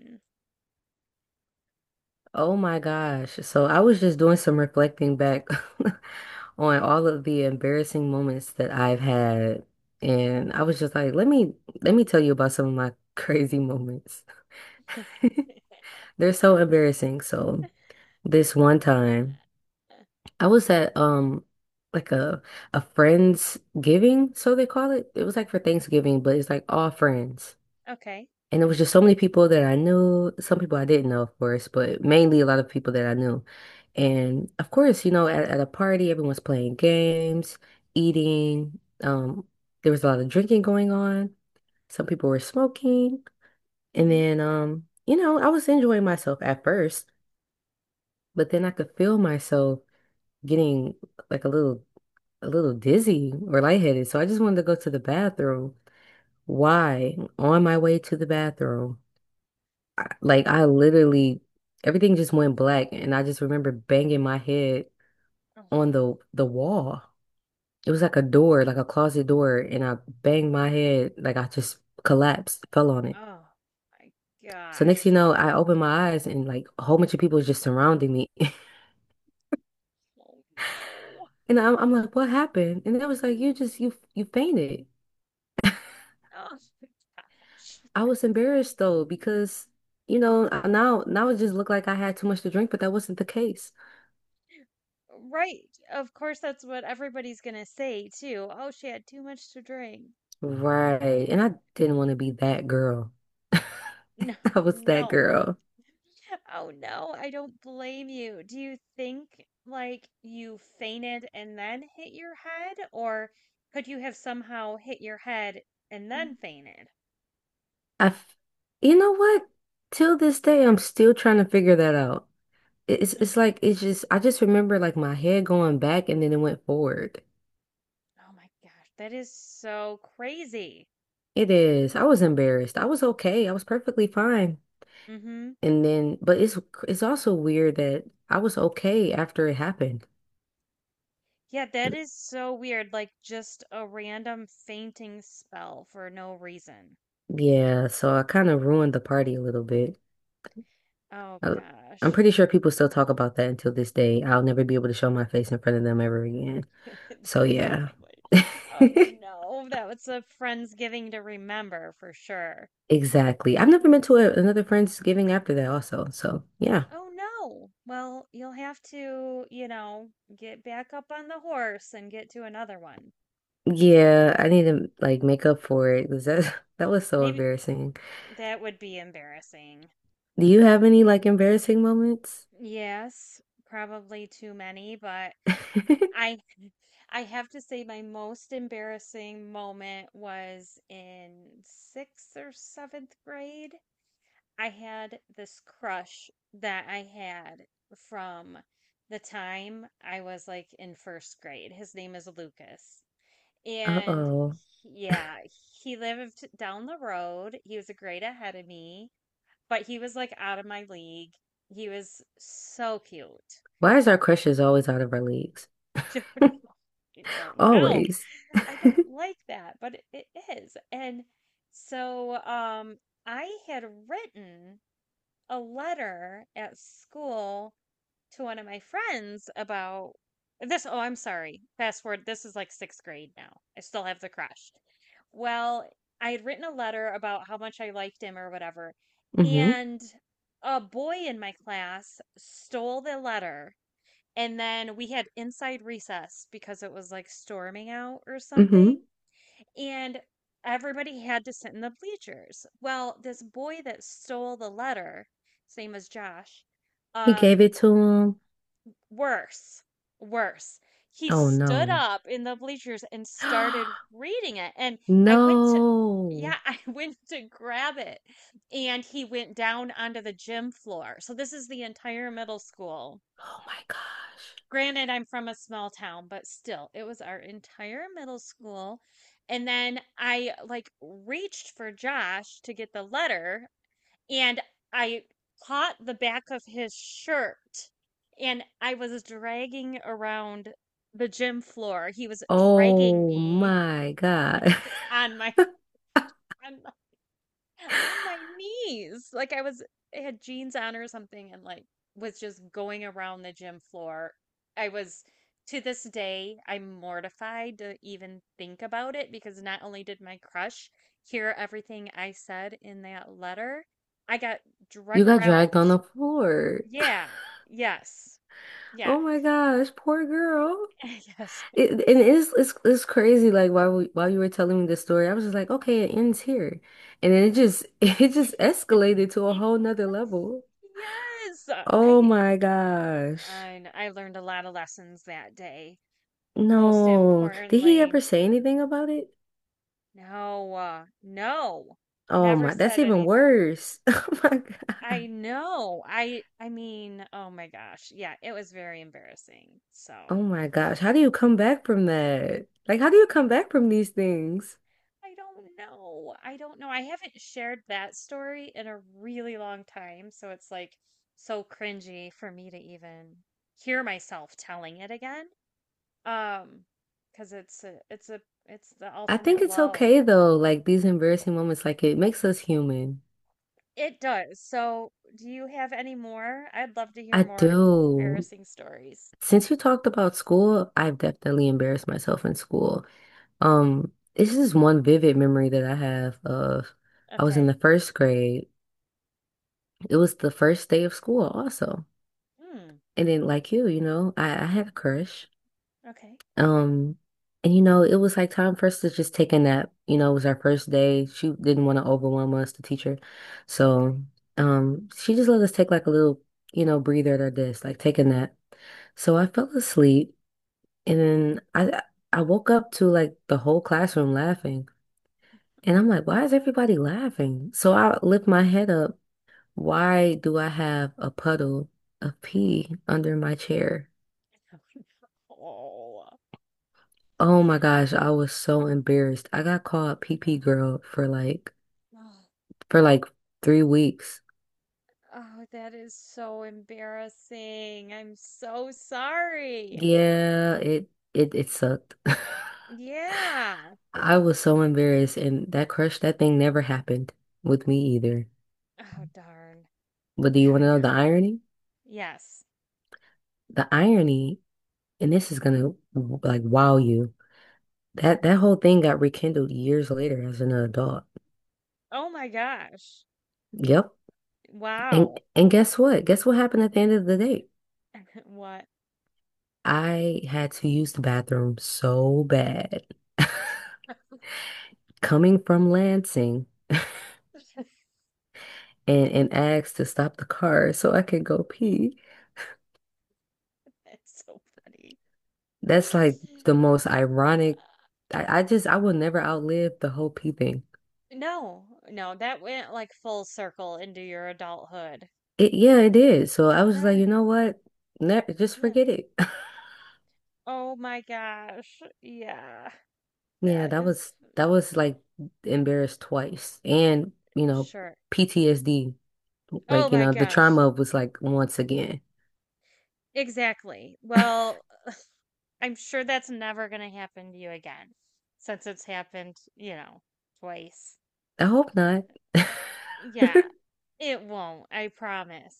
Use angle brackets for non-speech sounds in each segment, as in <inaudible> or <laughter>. Mm. Oh my gosh. So I was just doing some reflecting back <laughs> on all of the embarrassing moments that I've had. And I was just like, let me tell you about some of my <laughs> crazy moments. <laughs> <laughs> They're Yeah. so embarrassing. So this one time, I was at like a friend's giving, so they call it. It was like for Thanksgiving, but it's like all friends. Okay. And it was just so many people that I knew, some people I didn't know, of course, but mainly a lot of people that I knew. And of course, at a party, everyone's playing games, eating. There was a lot of drinking going on. Some people were smoking. And Mm-hmm. then, I was enjoying myself at first, but then I could feel myself getting like a little dizzy or lightheaded. So I just wanted to go to the bathroom. Why? On my way to the bathroom. Like I literally everything just went black and I just remember banging my head on the wall. It was like a door, like a closet door, and I banged my head like I just collapsed, fell on it. Oh my So next thing gosh. you know, I opened my eyes and like a whole bunch of people was just surrounding me. <laughs> Oh no. And I'm like, what happened? And it was like, you just you fainted. Oh <laughs> my gosh. I was embarrassed though because now it just looked like I had too much to drink, but that wasn't the case. Right. Of course, that's what everybody's gonna say too. Oh, she had too much to drink. Right. And I didn't want to be that girl. No, <laughs> I was that no. girl. Oh no, I don't blame you. Do you think like you fainted and then hit your head, or could you have somehow hit your head and then fainted? I, f- you know what? Till this day, I'm still trying to figure that out. It's Mm. it's like it's just I just remember like my head going back and then it went forward. Oh my gosh, that is so crazy. It is. I was embarrassed. I was okay. I was perfectly fine. Mm-hmm. And then, but it's also weird that I was okay after it happened. Yeah, that is so weird. Like just a random fainting spell for no reason. Yeah, so I kind of ruined the party a little bit. Oh I, I'm gosh. pretty sure people still talk about that until this day. I'll never be able to show my face in front of them ever again. <laughs> So They yeah. probably. Oh <laughs> no, that was a friend's giving to remember for sure. Exactly. I've never been to another Friendsgiving after that also. So yeah. Oh no. Well, you'll have to, you know, get back up on the horse and get to another one. Yeah, I need to like make up for it because that <laughs> that was so Maybe embarrassing. that would be embarrassing. Do you have any like embarrassing moments? Yes, probably too many, but <laughs> I I have to say my most embarrassing moment was in 6th or 7th grade. I had this crush that I had from the time I was like in first grade. His name is Lucas. And Uh-oh. he- yeah, he lived down the road. He was a grade ahead of me, but he was like out of my league. He was so cute. Why is our crushes always out of our leagues? <laughs> I don't know. I don't know. Always. <laughs> I don't like that, but it is. And so I had written a letter at school to one of my friends about this. Oh, I'm sorry. Fast forward. This is like sixth grade now. I still have the crush. Well, I had written a letter about how much I liked him or whatever, Mm-hmm. and a boy in my class stole the letter. And then we had inside recess because it was like storming out or Mm-hmm. something. And everybody had to sit in the bleachers. Well, this boy that stole the letter, his name was Josh, He gave um, it to him. worse, worse. He Oh stood no. up in the bleachers and started <gasps> reading it. And I went to, No. yeah, <laughs> I went to grab it. And he went down onto the gym floor. So this is the entire middle school. Oh my gosh. Granted, I'm from a small town, but still, it was our entire middle school. And then I like reached for Josh to get the letter and I caught the back of his shirt and I was dragging around the gym floor. He was dragging Oh me my God. <laughs> on my <laughs> on, on my knees. Like I was I had jeans on or something and like was just going around the gym floor. I was to this day I'm mortified to even think about it because not only did my crush hear everything I said in that letter, I got You drug got around. dragged on the floor. Yeah. Yes. Yeah. Oh my gosh, poor girl. <laughs> Yes. It's crazy. Like while you were telling me this story, I was just like, okay, it ends here. And then it just <laughs> it just <laughs> You escalated to a whole know? nother level. Yes. Oh I my gosh. I kn- I learned a lot of lessons that day. Most No. Did he ever importantly, say anything about it? no, no. Oh Never my, that's said even anything back. worse. <laughs> Oh my I God. know. I mean, oh my gosh. Yeah, it was very embarrassing. So, Oh my gosh, how do you come back from that? Like, how do you come hey, back from these things? I don't know. I don't know. I haven't shared that story in a really long time, so it's like so cringy for me to even hear myself telling it again. Um, because it's the I think ultimate it's low. okay though, like these embarrassing moments, like it makes us human. It does. So, do you have any more? I'd love to hear I more do. embarrassing stories. Since you talked about school, I've definitely embarrassed myself in school. It's just one vivid memory that I have of I was in the Okay. first grade. It was the first day of school also. Hmm. And then like you, I had a crush. Okay. Um, and it was like time for us to just take a nap. You know, it was our first day. She didn't want to overwhelm us, the teacher. Okay. So, she just let us take like breather at our desk, like take a nap. So I fell asleep and then I woke up to like the whole classroom laughing. And I'm like, why is everybody laughing? So I lift my head up. Why do I have a puddle of pee under my chair? <laughs> Oh Oh my gosh, I was so embarrassed. I got called PP girl no. <sighs> For like 3 weeks. Oh, that is so embarrassing. I'm so sorry. Yeah, it sucked. <laughs> Yeah. I was so embarrassed and that crush, that thing never happened with me either. Oh, darn. But do you want to I know. know the irony? Yes. The irony, and this is gonna like wow you. That whole thing got rekindled years later as an adult. Oh my gosh. Yep. And Wow. Guess what? Guess what happened at the end of the day? <laughs> What? I had to use the bathroom so bad. <laughs> coming from Lansing <laughs> and, asked to stop the car so I could go pee. It's so funny. That's like <laughs> the Uh, most ironic. I just, I will never outlive the whole pee thing. no, no, that went like full circle into your adulthood. It, yeah, it did. So I was like, you Darn. know what? Ne just Yeah. forget it. <laughs> Oh my gosh. Yeah. Yeah, That is that was like embarrassed twice. And, you know, sure. PTSD, Oh like, you my know, the gosh. trauma was like once again. Exactly. Well, I'm sure that's never going to happen to you again since it's happened, you know, twice. I hope not. <laughs> Yeah, it won't. I promise.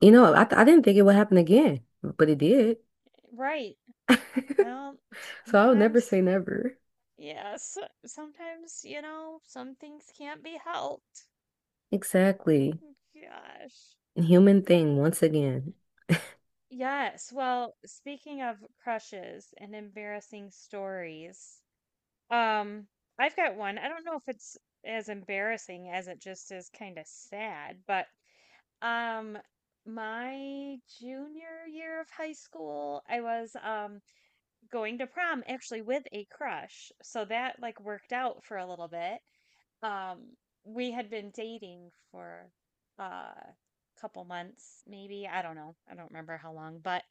You know, I didn't think it would happen again, but it did. Right. <laughs> Well, So I would never sometimes, say never. yes, sometimes, you know, some things can't be helped. Exactly. Oh gosh. Human thing once again. Yes. Well, speaking of crushes and embarrassing stories, Um, I've got one. I don't know if it's as embarrassing as it just is kind of sad, but um my junior year of high school, I was going to prom actually with a crush. So that like worked out for a little bit. Um we had been dating for uh couple months maybe. I don't know. I don't remember how long, but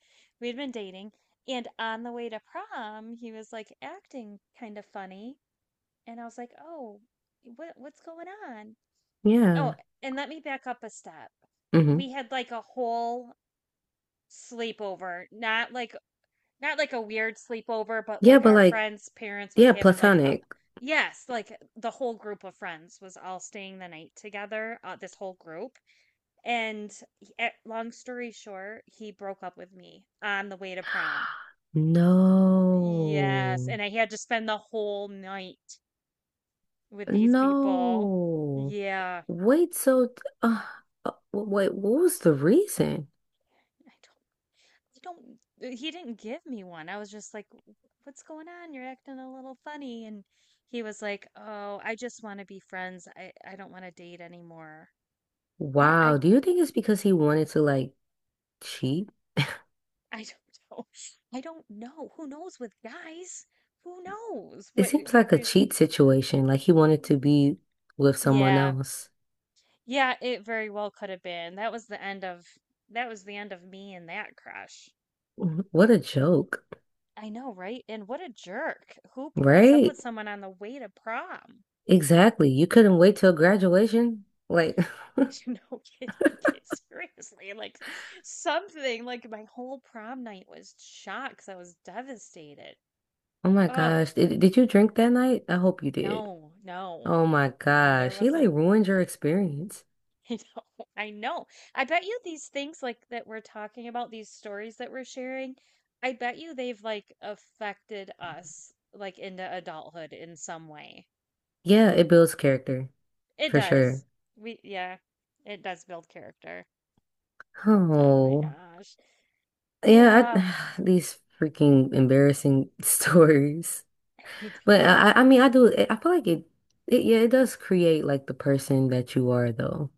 we had been dating and on the way to prom, he was like acting kind of funny and I was like, "Oh, what's going on?" Oh, Yeah. and let me back up a step. Hmm. We had like a whole sleepover, not like a weird sleepover, but Yeah, like but our like, friends' parents was yeah, having like a, platonic. yes, like the whole group of friends was all staying the night together, this whole group. And long story short, he broke up with me on the way to prom. Yes, No. and I had to spend the whole night with these people. No. Yeah. Wait, so uh, wait, what was the reason? I you don't, he didn't give me one. I was just like, what's going on? You're acting a little funny. And he was like, oh, I just want to be friends. I, don't want to date anymore. I, I, Wow, do you think it's because he wanted to like cheat? <laughs> I don't know. <laughs> I don't know. Who knows with guys? Who knows It what seems the like a reason? cheat situation, like he wanted to be with someone Yeah. else. Yeah, it very well could have been. That was the end of me and that crush. What a joke, I know, right? And what a jerk. Who breaks up right? with someone on the way to prom? Exactly. You couldn't wait till graduation. Like <laughs> <laughs> No kidding. <laughs> Seriously, like something like my whole prom night was shot because I was devastated. Oh my Oh, gosh. Did you drink that night? I hope you did. no, no. Oh my And there gosh. She like wasn't, ruined your experience. <laughs> you know. I bet you these things like that we're talking about, these stories that we're sharing, I bet you they've like affected us like into adulthood in some way. Yeah, it builds character It for sure. does. We, yeah, it does build character. Oh my Oh, gosh. yeah. Yeah, <sighs> these freaking embarrassing <laughs> stories. <laughs> I But know. I mean, I do. I feel like yeah, it does create like the person that you are, though.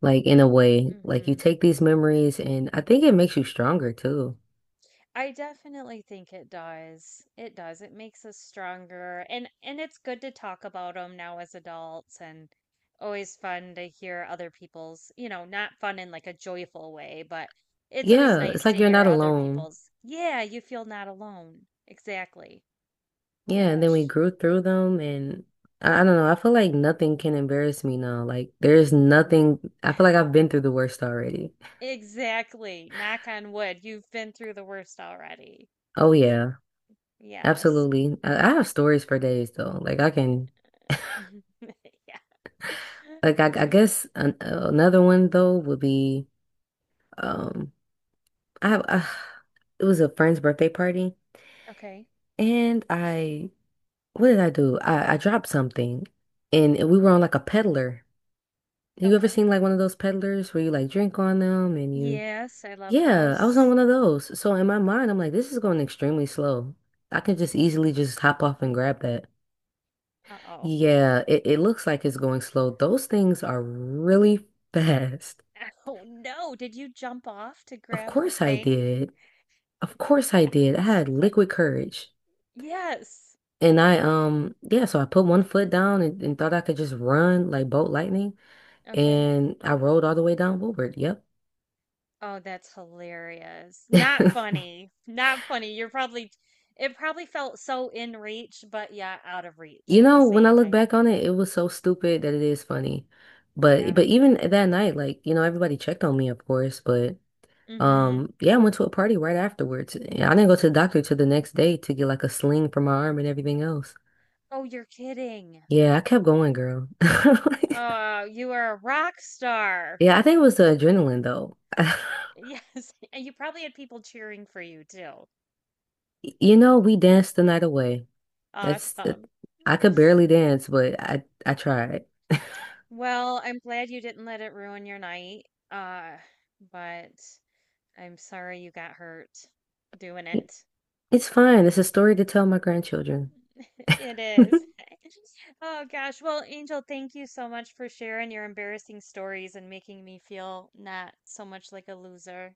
Like in a way, like you Hmm. take these memories and I think it makes you stronger too. I definitely think it does. It does. It makes us stronger and it's good to talk about them now as adults and always fun to hear other people's, you know, not fun in like a joyful way, but it's always Yeah, nice it's like to you're hear not other alone. people's, yeah, you feel not alone. Exactly. Yeah, and then we Gosh. grew through them and I don't know, I feel like nothing can embarrass me now. Like there's nothing, I feel <laughs> like I've been through the worst already. Exactly. Knock on wood. You've been through the worst already. Oh yeah, Yes. absolutely. I have stories for days though. Like I can, <laughs> Yeah. <laughs> I Yeah. guess another one though would be, um, I have, uh, it was a friend's birthday party Okay. and what did I do? I dropped something and we were on like a peddler. You ever Okay. seen like one of those peddlers where you like drink on them and you Yes, I love Yeah, I was on those. one of those. So in my Okay. mind, I'm like, this is going extremely slow. I can just Oh, easily just hop off and grab that. uh-oh. Yeah, it looks like it's going slow. Those things are really <laughs> fast. <laughs> Oh no, did you jump off to Of grab the course I thing? did. Of course <laughs> I did. I That's had funny. liquid courage. Yes. And yeah, so I put one foot down and, thought I could just run like bolt lightning. Okay. And I rolled all the way down Woodward. Yep. Oh, that's hilarious. Not <laughs> funny. Not funny. You're probably, it probably felt so in reach, but yeah, out of reach You at the know, when I same look time. back on it, it was so stupid that it is funny. But Yeah. Even that night, like, you know, everybody checked on me, of course, but Mm-hmm. Yeah, I went to a party right afterwards. And I didn't go to the doctor till the next day to get like a sling for my arm and everything else. Oh, you're kidding. Yeah, I kept going, girl. <laughs> Oh, you are a rock star. Yeah, I think it was the adrenaline though. <laughs> Yes. <laughs> And you probably had people cheering for you too. You know, we danced the night away. That's Awesome. I could barely dance, but I tried. Well, I'm glad you didn't let it ruin your night. Uh, but I'm sorry you got hurt doing it. It's fine. It's a story to tell my grandchildren. <laughs> It is. <laughs> <laughs> Oh gosh. Well, Angel, thank you so much for sharing your embarrassing stories and making me feel not so much like a loser.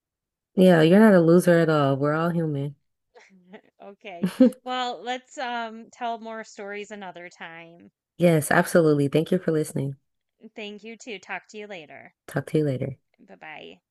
Yeah, you're not a loser at all. We're all human. <laughs> Okay. <laughs> Well, let's tell more stories another time. Yes, absolutely. Thank you for listening. Thank you too. Talk to you later. Talk to you later. Bye-bye.